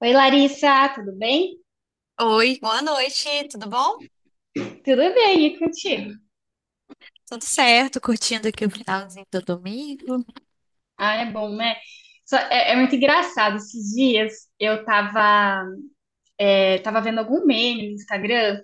Oi, Larissa, tudo bem? Oi, boa noite, tudo bom? Tudo bem, e contigo? Tudo certo, curtindo aqui o finalzinho do domingo. Ah, é bom, né? É muito engraçado. Esses dias eu tava tava vendo algum meme no Instagram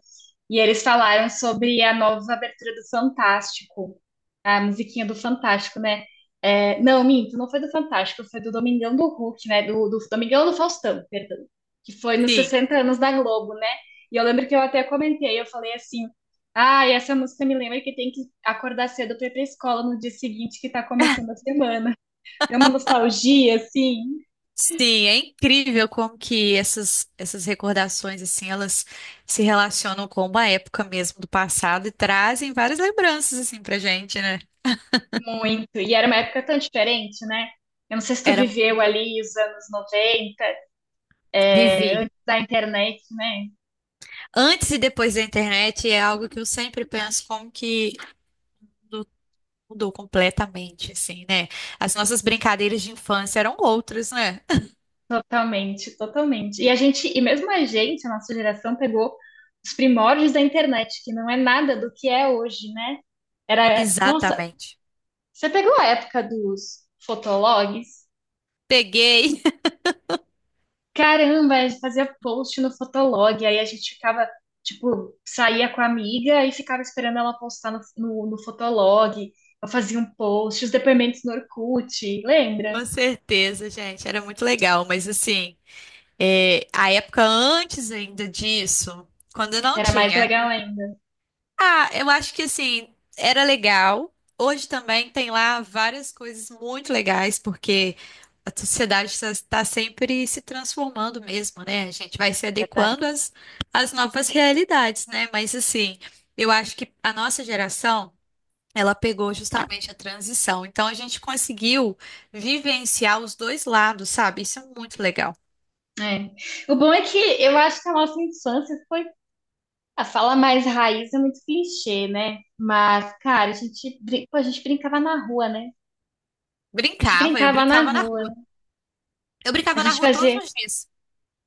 e eles falaram sobre a nova abertura do Fantástico, a musiquinha do Fantástico, né? Não, minto, não foi do Fantástico, foi do Domingão do Hulk, né? Do Domingão do Faustão, perdão, que foi nos Sim. 60 anos da Globo, né? E eu lembro que eu até comentei, eu falei assim, ah, e essa música me lembra que tem que acordar cedo para ir para escola no dia seguinte que tá começando a semana. É uma nostalgia, assim. Sim, é incrível como que essas recordações, assim, elas se relacionam com uma época mesmo do passado e trazem várias lembranças, assim, pra gente, né? Muito. E era uma época tão diferente, né? Eu não sei se tu Era, viveu ali os anos 90 vivi. da internet, né? Antes e depois da internet é algo que eu sempre penso como que mudou, completamente, assim, né? As nossas brincadeiras de infância eram outras, né? Totalmente, totalmente. E a gente, e mesmo a gente, a nossa geração pegou os primórdios da internet, que não é nada do que é hoje, né? Era, nossa, Exatamente. você pegou a época dos fotologs? Peguei. Caramba, a gente fazia post no Fotolog, aí a gente ficava, tipo, saía com a amiga e ficava esperando ela postar no Fotolog. Eu fazia um post, os depoimentos no Orkut, lembra? Com certeza, gente, era muito legal, mas assim, é, a época antes ainda disso, quando não Era mais tinha, legal ainda. ah, eu acho que assim, era legal. Hoje também tem lá várias coisas muito legais, porque a sociedade está sempre se transformando mesmo, né? A gente vai se Verdade. adequando às, às novas realidades, né? Mas assim, eu acho que a nossa geração. Ela pegou justamente a transição. Então a gente conseguiu vivenciar os dois lados, sabe? Isso é muito legal. É. O bom é que eu acho que a nossa infância foi. A fala mais raiz é muito clichê, né? Mas, cara, a gente brincava na rua, né? A gente Brincava, eu brincava na brincava na rua, né? rua. Eu A brincava na gente rua todos fazia. os dias.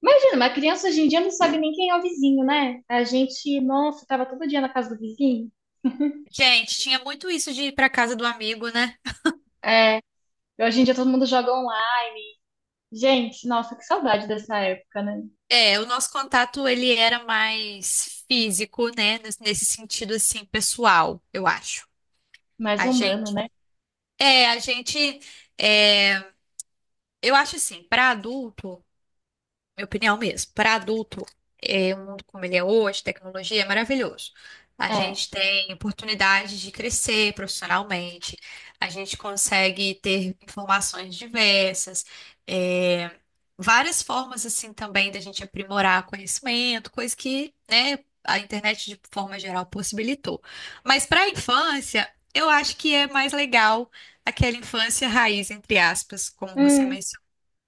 Imagina, uma criança hoje em dia não sabe nem quem é o vizinho, né? A gente, nossa, tava todo dia na casa do vizinho. Gente, tinha muito isso de ir para casa do amigo, né? É, e hoje em dia todo mundo joga online. Gente, nossa, que saudade dessa época, né? É, o nosso contato ele era mais físico, né? Nesse sentido assim, pessoal, eu acho. Mais A humano, gente, né? é, a gente, é, eu acho assim, para adulto, minha opinião mesmo, para adulto, é, o mundo como ele é hoje, tecnologia, é maravilhoso. A É. gente tem oportunidade de crescer profissionalmente, a gente consegue ter informações diversas, é, várias formas assim também da gente aprimorar conhecimento, coisa que, né, a internet de forma geral possibilitou. Mas para a infância, eu acho que é mais legal aquela infância raiz, entre aspas, como você Hum. mencionou,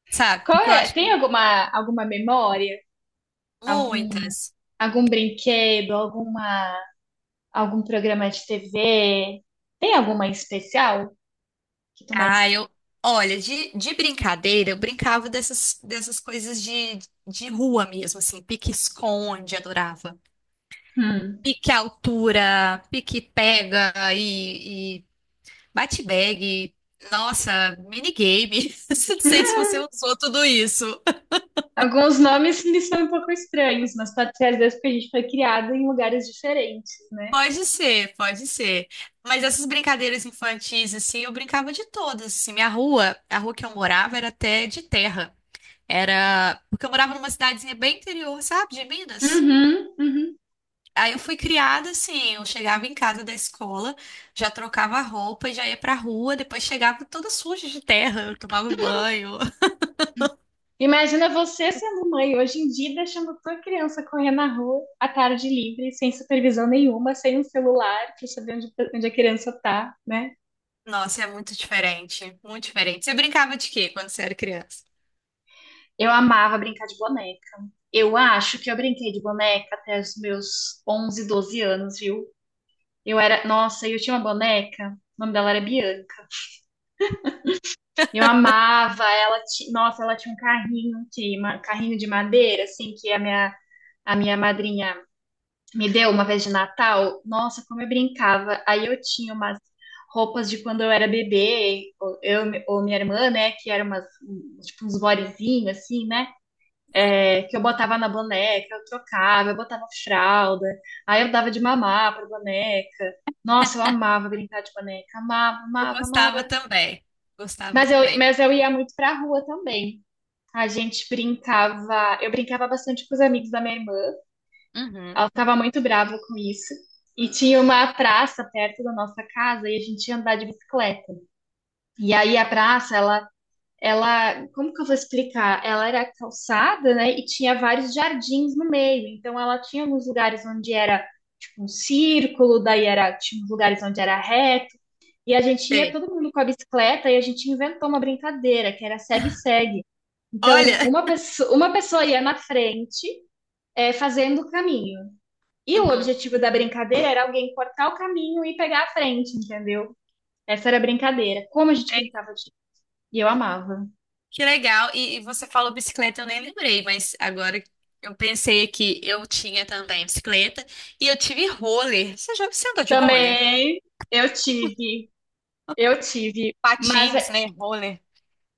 sabe? Qual Porque eu é? acho que Tem alguma, alguma memória? Algum, muitas. algum brinquedo? Alguma, algum programa de TV? Tem alguma em especial que tu Ah, mais... eu. Olha, de brincadeira, eu brincava dessas, dessas coisas de rua mesmo, assim, pique-esconde, adorava. Hum. Pique-altura, pique-pega e bate-bag. Nossa, minigame. Não sei se você usou tudo isso. Alguns nomes me são um pouco estranhos, mas pode ser às vezes porque a gente foi criado em lugares diferentes. Pode ser, pode ser. Mas essas brincadeiras infantis, assim, eu brincava de todas, assim. Minha rua, a rua que eu morava era até de terra. Era. Porque eu morava numa cidadezinha bem interior, sabe, de Minas. Uhum, uhum. Aí eu fui criada assim, eu chegava em casa da escola, já trocava a roupa e já ia pra rua, depois chegava toda suja de terra, eu tomava banho. Imagina você sendo mãe hoje em dia, deixando tua criança correr na rua à tarde livre, sem supervisão nenhuma, sem um celular pra saber onde, onde a criança tá, né? Nossa, é muito diferente, muito diferente. Você brincava de quê quando você era criança? Eu amava brincar de boneca. Eu acho que eu brinquei de boneca até os meus 11 12 anos, viu? Eu era, nossa, eu tinha uma boneca, o nome dela era Bianca. Eu amava ela, nossa, ela tinha um carrinho, carrinho de madeira, assim, que a minha madrinha me deu uma vez de Natal, nossa, como eu brincava. Aí eu tinha umas roupas de quando eu era bebê, ou minha irmã, né, que eram tipo uns bodyzinhos, assim, né, que eu botava na boneca, eu trocava, eu botava fralda, aí eu dava de mamar pra boneca. Nossa, eu amava brincar de boneca, amava, Eu amava, gostava amava. também, gostava Mas eu, também. mas eu ia muito pra rua também. A gente brincava, eu brincava bastante com os amigos da minha irmã. Uhum. Ela estava muito brava com isso. E tinha uma praça perto da nossa casa e a gente ia andar de bicicleta. E aí a praça, ela, como que eu vou explicar? Ela era calçada, né? E tinha vários jardins no meio. Então ela tinha alguns lugares onde era tipo um círculo, daí era tinha uns lugares onde era reto. E a gente ia Sei. todo mundo com a bicicleta e a gente inventou uma brincadeira que era segue-segue. Então, Olha, uma pessoa ia na frente, fazendo o caminho. E o uhum. objetivo da brincadeira era alguém cortar o caminho e pegar a frente, entendeu? Essa era a brincadeira. Como a gente É, brincava disso. E eu amava. que legal. E você falou bicicleta, eu nem lembrei, mas agora eu pensei que eu tinha também bicicleta e eu tive roller. Você já você andou de roller? Também eu tive, eu tive, Patins, né? Roller.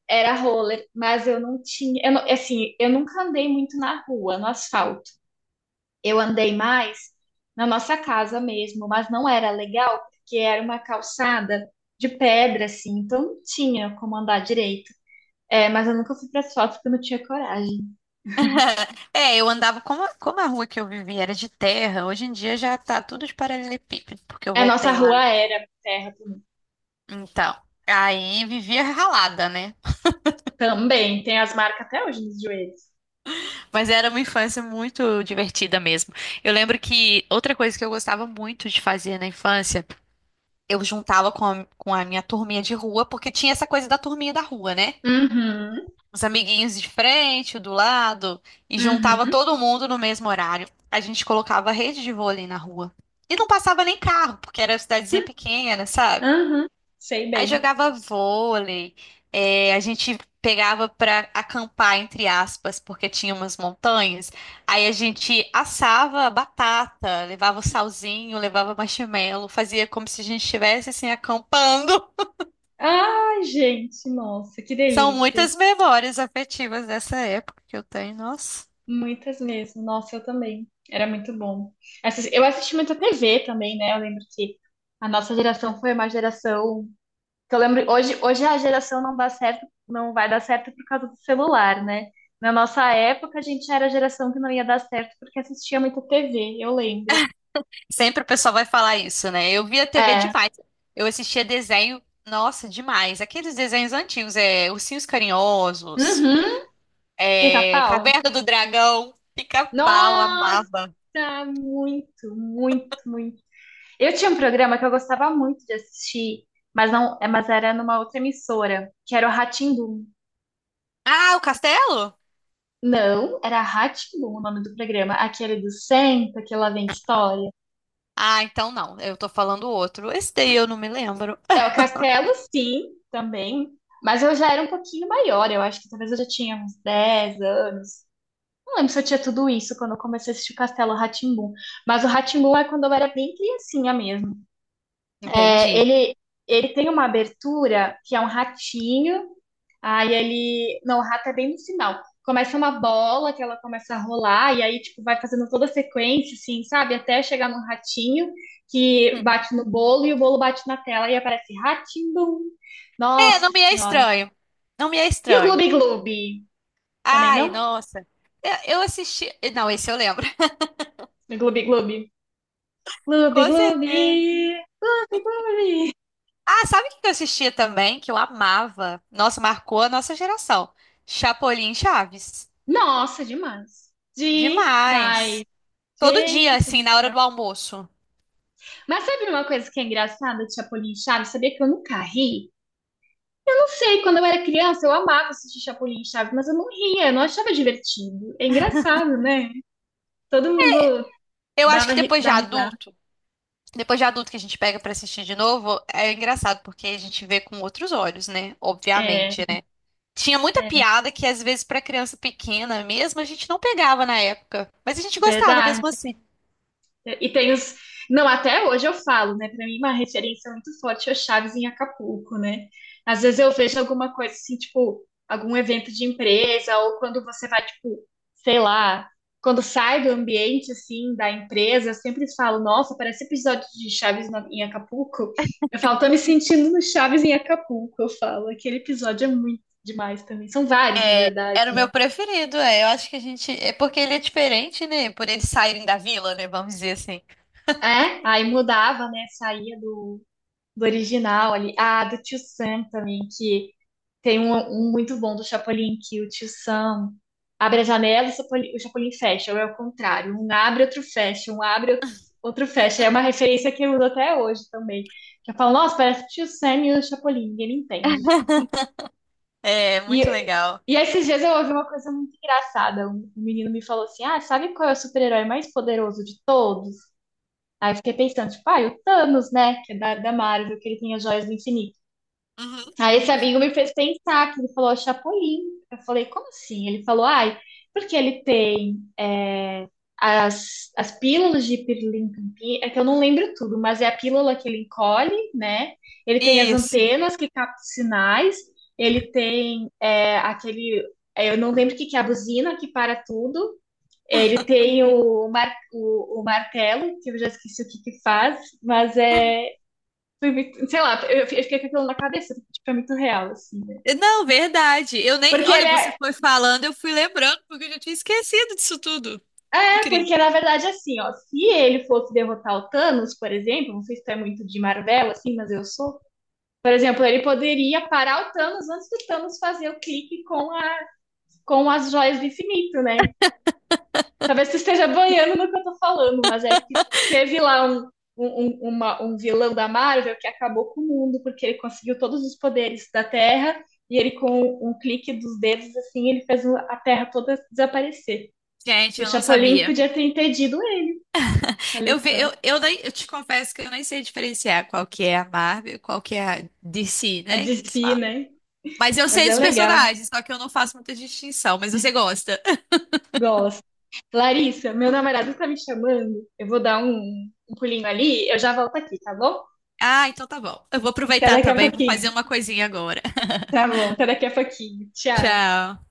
era roller, mas eu não tinha, eu não- assim, eu nunca andei muito na rua, no asfalto. Eu andei mais na nossa casa mesmo, mas não era legal porque era uma calçada de pedra assim, então não tinha como andar direito. É, mas eu nunca fui para asfalto porque eu não tinha coragem. É, eu andava, como, como a rua que eu vivia era de terra, hoje em dia já tá tudo de paralelepípedo, porque eu É, nossa voltei lá. rua era terra também. Então, aí vivia ralada, né? Tem as marcas até hoje nos joelhos. Mas era uma infância muito divertida mesmo. Eu lembro que outra coisa que eu gostava muito de fazer na infância, eu juntava com a minha turminha de rua, porque tinha essa coisa da turminha da rua, né? Uhum, Os amiguinhos de frente, o do lado, e juntava uhum, todo mundo no mesmo horário. A gente colocava rede de vôlei na rua. E não passava nem carro, porque era cidadezinha pequena, sabe? uhum. Sei Aí bem. jogava vôlei, é, a gente pegava pra acampar, entre aspas, porque tinha umas montanhas. Aí a gente assava batata, levava o salzinho, levava marshmallow, fazia como se a gente estivesse assim acampando. Ai, gente, nossa, que São delícia. muitas memórias afetivas dessa época que eu tenho, nossa. Muitas mesmo. Nossa, eu também. Era muito bom. Eu assisti muita TV também, né? Eu lembro que a nossa geração foi uma geração que eu lembro hoje, hoje a geração não dá certo, não vai dar certo por causa do celular, né? Na nossa época, a gente era a geração que não ia dar certo porque assistia muito TV, eu lembro. Sempre o pessoal vai falar isso, né? Eu via TV É. demais. Eu assistia desenho, nossa, demais. Aqueles desenhos antigos, é Ursinhos Carinhosos, Uhum. é Pica-pau? Caverna do Dragão, Pica-Pau, amava. Nossa, muito, muito, muito. Eu tinha um programa que eu gostava muito de assistir, mas não, é, mas era numa outra emissora, que era o rá. Ah, o Castelo? Não, era rá o nome do programa, aquele do Senta, que lá vem história. Ah, então não. Eu tô falando outro. Esse daí eu não me lembro. É o Castelo, sim, também, mas eu já era um pouquinho maior, eu acho que talvez eu já tinha uns 10 anos. Não lembro se eu tinha tudo isso quando eu comecei a assistir o Castelo rá, mas o rá é quando eu era bem criancinha mesmo. Ah, É, entendi. ele, ele tem uma abertura que é um ratinho. Aí ele. Não, o rato é bem no final. Começa uma bola que ela começa a rolar, e aí, tipo, vai fazendo toda a sequência, assim, sabe? Até chegar num ratinho que bate no bolo e o bolo bate na tela e aparece ratim-bum. É, Nossa não me é senhora. estranho. Não me é E o Gloob estranho. Gloob? Também Ai, não? nossa. Eu assisti. Não, esse eu lembro. O Gloob Gloob. Gloob Com Gloob. certeza. Ah, sabe o que eu assistia também? Que eu amava. Nossa, marcou a nossa geração. Chapolin e Chaves. Nossa, demais. Demais. Demais. Todo dia, Gente assim, do na hora céu. do almoço. Mas sabe uma coisa que é engraçada de Chapolin e Chaves? Sabia que eu nunca ri? Eu não sei, quando eu era criança eu amava assistir Chapolin e Chaves, mas eu não ria, eu não achava divertido. É engraçado, né? Todo mundo Eu acho que dá risada. Depois de adulto que a gente pega pra assistir de novo, é engraçado porque a gente vê com outros olhos, né? É, Obviamente, né? Tinha muita é, piada que às vezes pra criança pequena mesmo a gente não pegava na época, mas a gente gostava verdade. mesmo assim. E tem os. Não, até hoje eu falo, né? Pra mim, uma referência muito forte é o Chaves em Acapulco, né? Às vezes eu vejo alguma coisa assim, tipo, algum evento de empresa, ou quando você vai, tipo, sei lá, quando sai do ambiente, assim, da empresa, eu sempre falo, nossa, parece episódio de em Acapulco. Eu falo, tô me sentindo no Chaves em Acapulco, eu falo. Aquele episódio é muito demais também. São vários, na É, verdade. era o meu preferido, é. Eu acho que a gente. É porque ele é diferente, né? Por eles saírem da vila, né? Vamos dizer assim. É, aí mudava, né? Saía do original ali. Ah, do Tio Sam também, que tem um, um muito bom do Chapolin, que o Tio Sam abre a janela e o Chapolin fecha, ou é o contrário. Um abre, outro fecha, um abre, outro fecha. É uma referência que eu uso até hoje também. Que eu falo, nossa, parece o Tio Sam e o Chapolin, ninguém me entende. É E, muito legal. e esses dias eu ouvi uma coisa muito engraçada. Um menino me falou assim: ah, sabe qual é o super-herói mais poderoso de todos? Aí eu fiquei pensando, tipo, ah, e o Thanos, né? Que é da Marvel, que ele tem as joias do infinito. Uhum. Aí esse amigo me fez pensar que ele falou Chapolin. Eu falei, como assim? Ele falou, ai, porque as, as pílulas de pirlimpimpim, é que eu não lembro tudo, mas é a pílula que ele encolhe, né? Ele tem as Isso. antenas que captam sinais, ele tem é, aquele, é, eu não lembro o que que é a buzina que para tudo, ele tem o martelo, que eu já esqueci o que que faz, mas é. Sei lá, eu fiquei com aquilo na cabeça, tipo, é muito real, assim, né? Não, verdade. Eu nem. Porque ele Olha, você é, foi falando, eu fui lembrando, porque eu já tinha esquecido disso tudo. Incrível. porque na verdade, é assim, ó, se ele fosse derrotar o Thanos, por exemplo, não sei se tu é muito de Marvel, assim, mas eu sou. Por exemplo, ele poderia parar o Thanos antes do Thanos fazer o clique com as joias do infinito, né? Talvez tu esteja boiando no que eu tô falando, mas é que teve lá um vilão da Marvel que acabou com o mundo, porque ele conseguiu todos os poderes da Terra, e ele, com um clique dos dedos, assim, ele fez a Terra toda desaparecer. Gente, E o eu não Chapolin sabia. podia ter impedido ele. Olha Eu vi, só, nem- eu te confesso que eu nem sei diferenciar qual que é a Marvel e qual que é a DC, a né? Que eles desfia, falam. né? Mas eu Mas sei é esses legal, personagens, só que eu não faço muita distinção, mas você gosta. gosto. Larissa, meu namorado tá me chamando, eu vou dar um pulinho ali, eu já volto aqui, tá bom? Ah, então tá bom. Eu vou Até aproveitar daqui a também, vou pouquinho. fazer uma coisinha agora. Tá bom, até daqui a pouquinho. Tchau. Tchau.